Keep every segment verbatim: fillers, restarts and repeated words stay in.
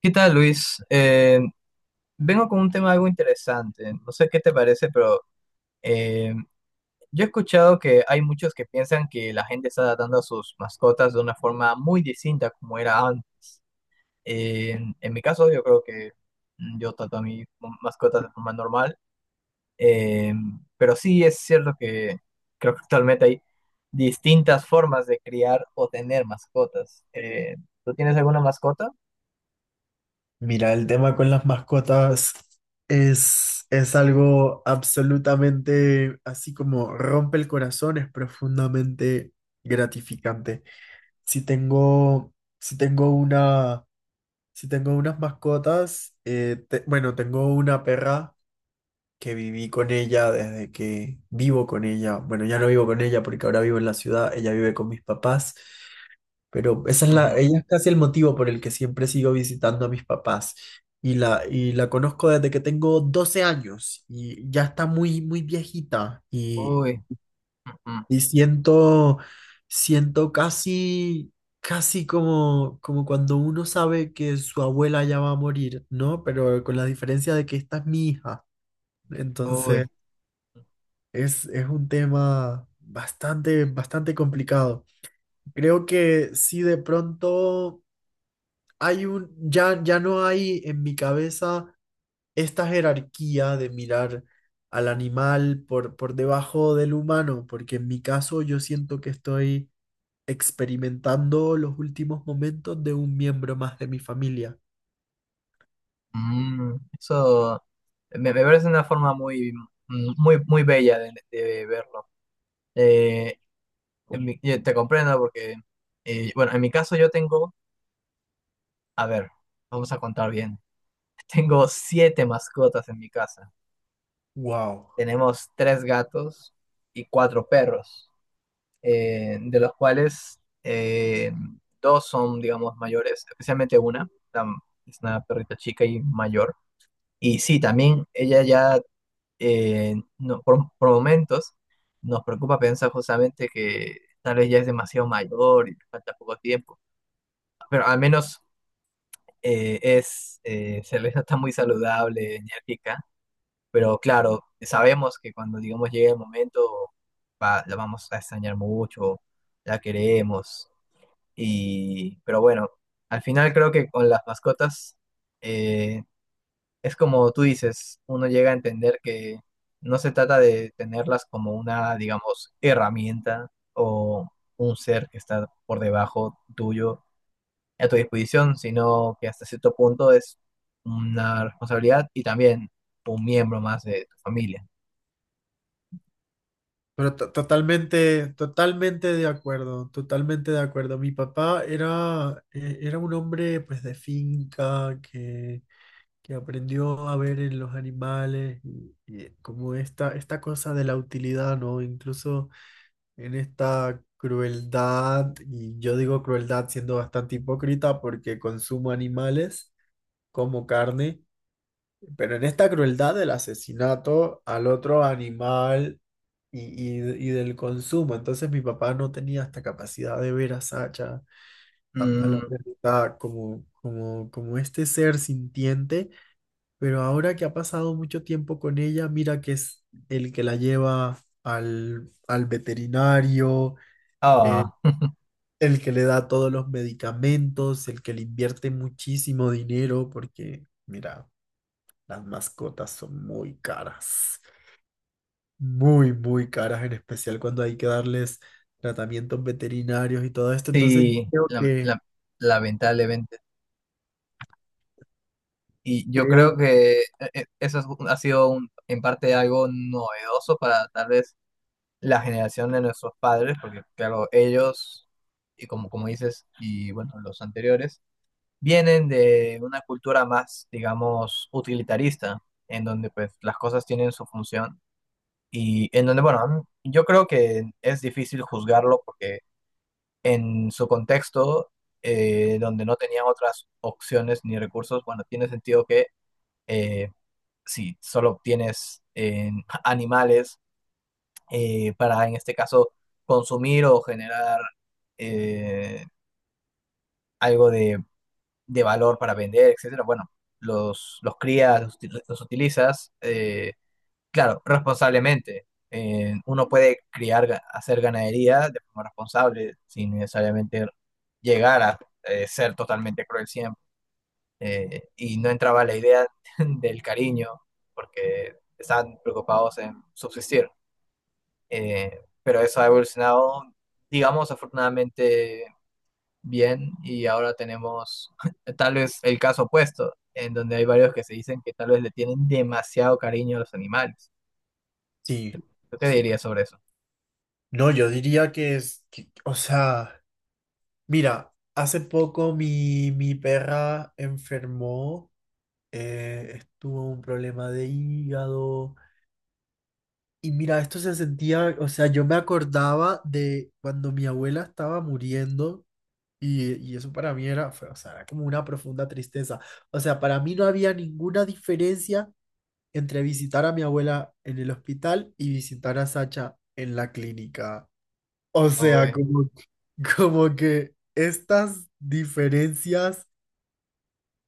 ¿Qué tal, Luis? Eh, vengo con un tema algo interesante. No sé qué te parece, pero eh, yo he escuchado que hay muchos que piensan que la gente está tratando a sus mascotas de una forma muy distinta como era antes. Eh, en, en mi caso, yo creo que mm, yo trato a mis mascotas de forma normal, eh, pero sí es cierto que creo que actualmente hay distintas formas de criar o tener mascotas. Eh, ¿tú tienes alguna mascota? Mira, el tema con las mascotas es, es algo absolutamente así como rompe el corazón, es profundamente gratificante. Si tengo, si tengo una, si tengo unas mascotas, eh, te- bueno, tengo una perra que viví con ella desde que vivo con ella. Bueno, ya no vivo con ella porque ahora vivo en la ciudad, ella vive con mis papás. Pero esa es Ujú. la, ella es casi el motivo por el que siempre sigo visitando a mis papás. Y la, y la conozco desde que tengo doce años y ya está muy, muy viejita. Y, Uy, ujú, y siento, siento casi, casi como, como cuando uno sabe que su abuela ya va a morir, ¿no? Pero con la diferencia de que esta es mi hija. uy. Entonces, es, es un tema bastante, bastante complicado. Creo que si de pronto hay un, ya, ya no hay en mi cabeza esta jerarquía de mirar al animal por, por debajo del humano, porque en mi caso yo siento que estoy experimentando los últimos momentos de un miembro más de mi familia. Mm, eso me, me parece una forma muy, mm, muy, muy bella de, de verlo. Eh, en mi- yo te comprendo porque, eh, bueno, en mi caso yo tengo, a ver, vamos a contar bien. Tengo siete mascotas en mi casa. Wow. Tenemos tres gatos y cuatro perros, eh, de los cuales eh, dos son, digamos, mayores, especialmente una, la- es una perrita chica y mayor. Y sí, también ella ya eh, no- por, por momentos nos preocupa pensar justamente que tal vez ya es demasiado mayor y le falta poco tiempo, pero al menos eh, es, eh, se le está muy saludable, enérgica, pero claro, sabemos que cuando digamos llegue el momento va- la vamos a extrañar mucho, la queremos, y, pero bueno, al final creo que con las mascotas... eh, es como tú dices, uno llega a entender que no se trata de tenerlas como una, digamos, herramienta o un ser que está por debajo tuyo a tu disposición, sino que hasta cierto punto es una responsabilidad y también un miembro más de tu familia. Pero to- totalmente, totalmente de acuerdo, totalmente de acuerdo. Mi papá era, eh, era un hombre pues de finca que que aprendió a ver en los animales y, y como esta, esta cosa de la utilidad, ¿no? Incluso en esta crueldad, y yo digo crueldad siendo bastante hipócrita porque consumo animales como carne, pero en esta crueldad del asesinato al otro animal y, y- y del consumo. Entonces mi papá no tenía esta capacidad de ver a Sacha, a, a la Mm, perrita, como, como, como este ser sintiente pero ahora que ha pasado mucho tiempo con ella, mira que es el que la lleva al, al veterinario, ah, el que le da todos los medicamentos, el que le invierte muchísimo dinero, porque mira, las mascotas son muy caras, muy, muy caras, en especial cuando hay que darles tratamientos veterinarios y todo esto. Entonces sí, yo creo la- que, la- lamentablemente. Y yo creo, creo que eh, eh, eso es un- ha sido un- en parte algo novedoso para tal vez la generación de nuestros padres, porque claro, ellos, y como, como dices, y bueno, los anteriores, vienen de una cultura más, digamos, utilitarista, en donde pues las cosas tienen su función y en donde, bueno, a mí- yo creo que es difícil juzgarlo porque en su contexto, eh, donde no tenían otras opciones ni recursos, bueno, tiene sentido que eh, si solo obtienes eh, animales, eh, para, en este caso, consumir o generar eh, algo de, de valor para vender, etcétera. Bueno, los, los crías, los, util- los utilizas, eh, claro, responsablemente. Eh, uno puede criar, ga- hacer ganadería de forma responsable, sin necesariamente llegar a eh, ser totalmente cruel siempre. Eh, y no entraba la idea del cariño, porque estaban preocupados en subsistir. Eh, pero eso ha evolucionado, digamos, afortunadamente bien y ahora tenemos tal vez el caso opuesto, en donde hay varios que se dicen que tal vez le tienen demasiado cariño a los animales. sí, ¿Tú qué dirías sobre eso? no, yo diría que es, que- o sea... Mira, hace poco mi, mi perra enfermó, eh, estuvo un problema de hígado. Y mira, esto se sentía, o sea, yo me acordaba de cuando mi abuela estaba muriendo y, y eso para mí era, fue- o sea, era como una profunda tristeza. O sea, para mí no había ninguna diferencia entre visitar a mi abuela en el hospital y visitar a Sacha en la clínica. O sea, Uy, como, como que estas diferencias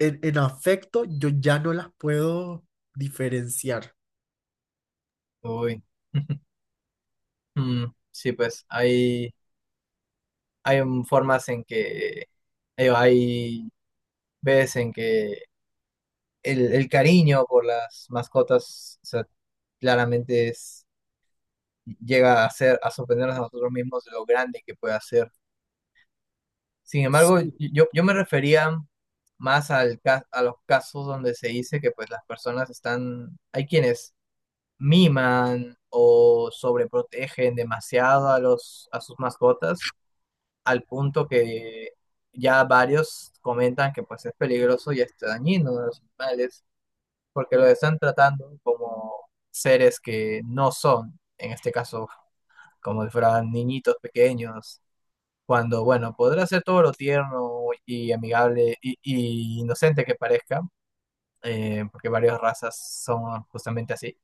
en, en afecto yo ya no las puedo diferenciar. uy. Mm, sí, pues hay, hay un- formas en que, digo, hay veces en que el, el cariño por las mascotas, o sea, claramente es... llega a ser, a sorprendernos a nosotros mismos de lo grande que puede hacer. Sin embargo, Sí, yo, yo me refería más al, ca- a los casos donde se dice que pues las personas están, hay quienes miman o sobreprotegen demasiado a los, a sus mascotas, al punto que ya varios comentan que pues es peligroso y es dañino a los animales, porque lo están tratando como seres que no son, en este caso como si fueran niñitos pequeños, cuando, bueno, podrá ser todo lo tierno y amigable y, y inocente que parezca, eh, porque varias razas son justamente así,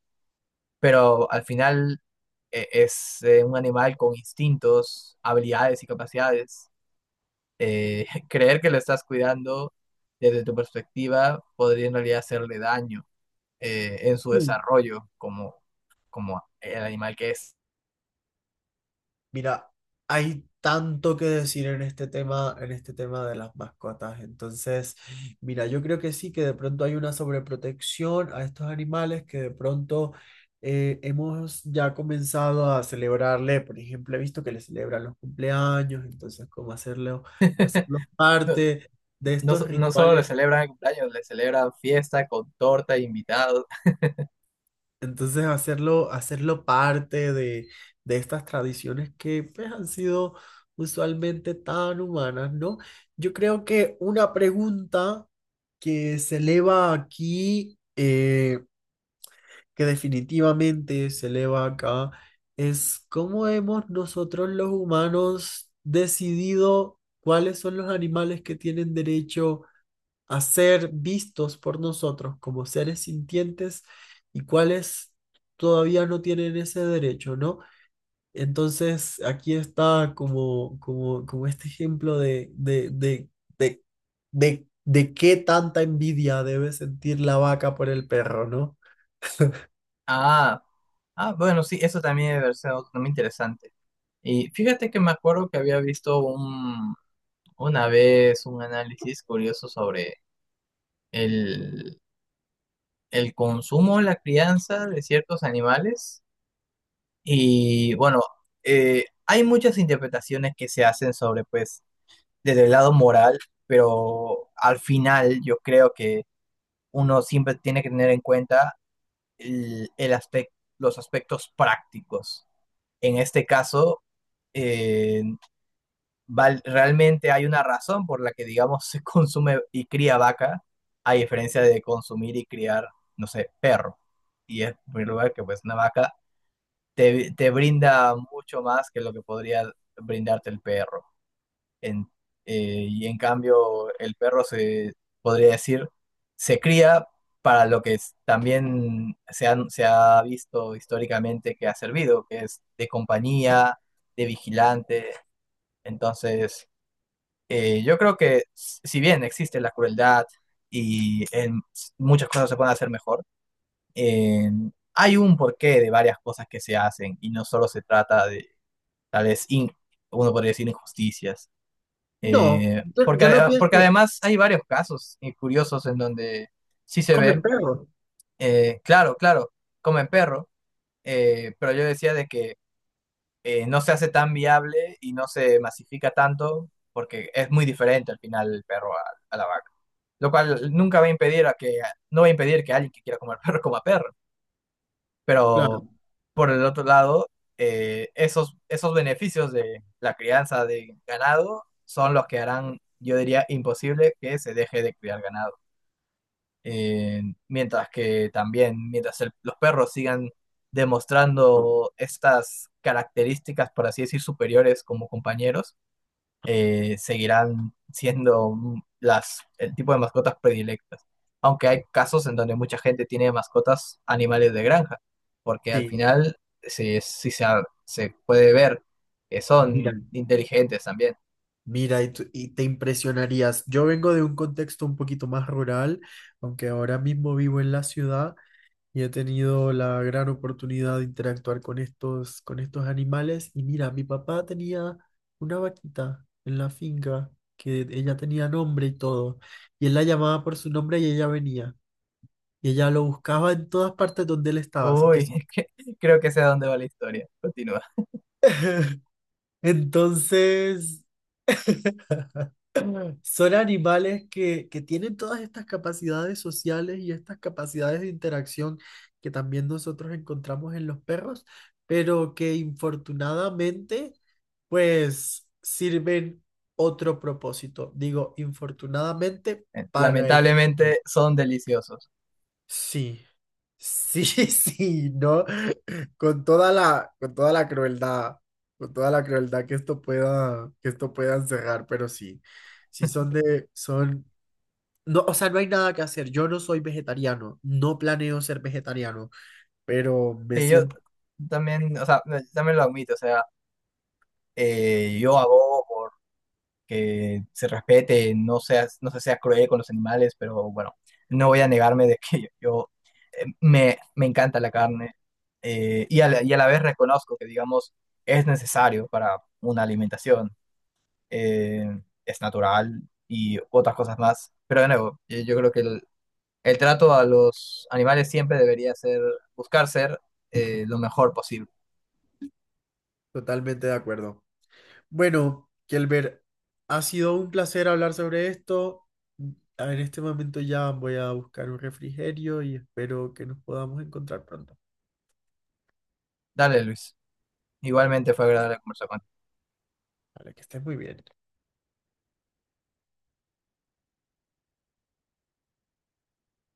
pero al final eh, es eh, un animal con instintos, habilidades y capacidades. Eh, creer que lo estás cuidando desde tu perspectiva podría en realidad hacerle daño eh, en su sí. desarrollo como, como el animal que es. Mira, hay tanto que decir en este tema, en este tema de las mascotas. Entonces, mira, yo creo que sí, que de pronto hay una sobreprotección a estos animales que de pronto eh, hemos ya comenzado a celebrarle. Por ejemplo, he visto que le celebran los cumpleaños, entonces, cómo hacerlo, hacerlo parte de No, estos so- no solo le rituales. celebran cumpleaños, le celebran fiesta con torta e invitados. Entonces hacerlo, hacerlo parte de, de estas tradiciones que pues, han sido usualmente tan humanas, ¿no? Yo creo que una pregunta que se eleva aquí, eh, que definitivamente se eleva acá, es cómo hemos nosotros los humanos decidido cuáles son los animales que tienen derecho a ser vistos por nosotros como seres sintientes y cuáles todavía no tienen ese derecho, ¿no? Entonces, aquí está como, como, como este ejemplo de, de, de, de, de, de qué tanta envidia debe sentir la vaca por el perro, ¿no? Ah, ah, bueno, sí, eso también debe ser otro tema interesante. Y fíjate que me acuerdo que había visto un, una vez un análisis curioso sobre el, el consumo, la crianza de ciertos animales. Y bueno, eh, hay muchas interpretaciones que se hacen sobre, pues, desde el lado moral, pero al final yo creo que uno siempre tiene que tener en cuenta el, el aspec- los aspectos prácticos. En este caso, eh, val- realmente hay una razón por la que, digamos, se consume y cría vaca, a diferencia de consumir y criar, no sé, perro. Y es, en primer lugar, que pues una vaca te, te brinda mucho más que lo que podría brindarte el perro. En- eh, y en cambio, el perro se podría decir, se cría para lo que es- también se, han- se ha visto históricamente que ha servido, que es de compañía, de vigilante. Entonces, eh, yo creo que s- si bien existe la crueldad y en s- muchas cosas se pueden hacer mejor, en- hay un porqué de varias cosas que se hacen y no solo se trata de tal vez, in- uno podría decir, injusticias. No, Eh, yo, porque, yo no ade- porque pienso, además hay varios casos eh, curiosos en donde sí se come el ve, perro, eh, claro, claro, comen perro, eh, pero yo decía de que eh, no se hace tan viable y no se masifica tanto porque es muy diferente al final el perro a, a la vaca, lo cual nunca va a impedir a que, no va a impedir que alguien que quiera comer perro coma perro, claro, pero por el otro lado, eh, esos, esos beneficios de la crianza de ganado son los que harán, yo diría, imposible que se deje de criar ganado. Eh, Mientras que también, mientras el- los perros sigan demostrando estas características, por así decir, superiores como compañeros, eh, seguirán siendo las, el tipo de mascotas predilectas. Aunque hay casos en donde mucha gente tiene mascotas animales de granja, porque al sí, final sí, sí se, ha- se puede ver que mira. son inteligentes también. Mira, y, tú- y te impresionarías. Yo vengo de un contexto un poquito más rural, aunque ahora mismo vivo en la ciudad, y he tenido la gran oportunidad de interactuar con estos, con estos animales. Y mira, mi papá tenía una vaquita en la finca que ella tenía nombre y todo. Y él la llamaba por su nombre y ella venía. Y ella lo buscaba en todas partes donde él estaba. Así que Uy, que creo que sé a dónde va la historia. Continúa. entonces... Son animales que, que tienen todas estas capacidades sociales y estas capacidades de interacción que también nosotros encontramos en los perros, pero que infortunadamente pues sirven otro propósito. Digo, infortunadamente Eh, para el... Lamentablemente son deliciosos. Sí, sí, sí, ¿no? Con toda la, con toda la crueldad, con toda la crueldad que esto pueda, que esto pueda encerrar, pero sí, sí son de, son no, o sea, no hay nada que hacer. Yo no soy vegetariano, no planeo ser vegetariano, pero me Sí, yo siento también, o sea, también lo admito, o sea, eh, yo abogo por que se respete, no seas, no se sea cruel con los animales, pero bueno, no voy a negarme de que yo, yo, eh, me, me encanta la carne eh, y, a la, y a la vez reconozco que, digamos, es necesario para una alimentación, eh, es natural y otras cosas más, pero de nuevo, yo, yo creo que el, el trato a los animales siempre debería ser buscar ser eh, lo mejor posible. totalmente de acuerdo. Bueno, Kelber, ha sido un placer hablar sobre esto. En este momento ya voy a buscar un refrigerio y espero que nos podamos encontrar pronto. Dale, Luis. Igualmente fue agradable conversar contigo. Vale, que estés muy bien.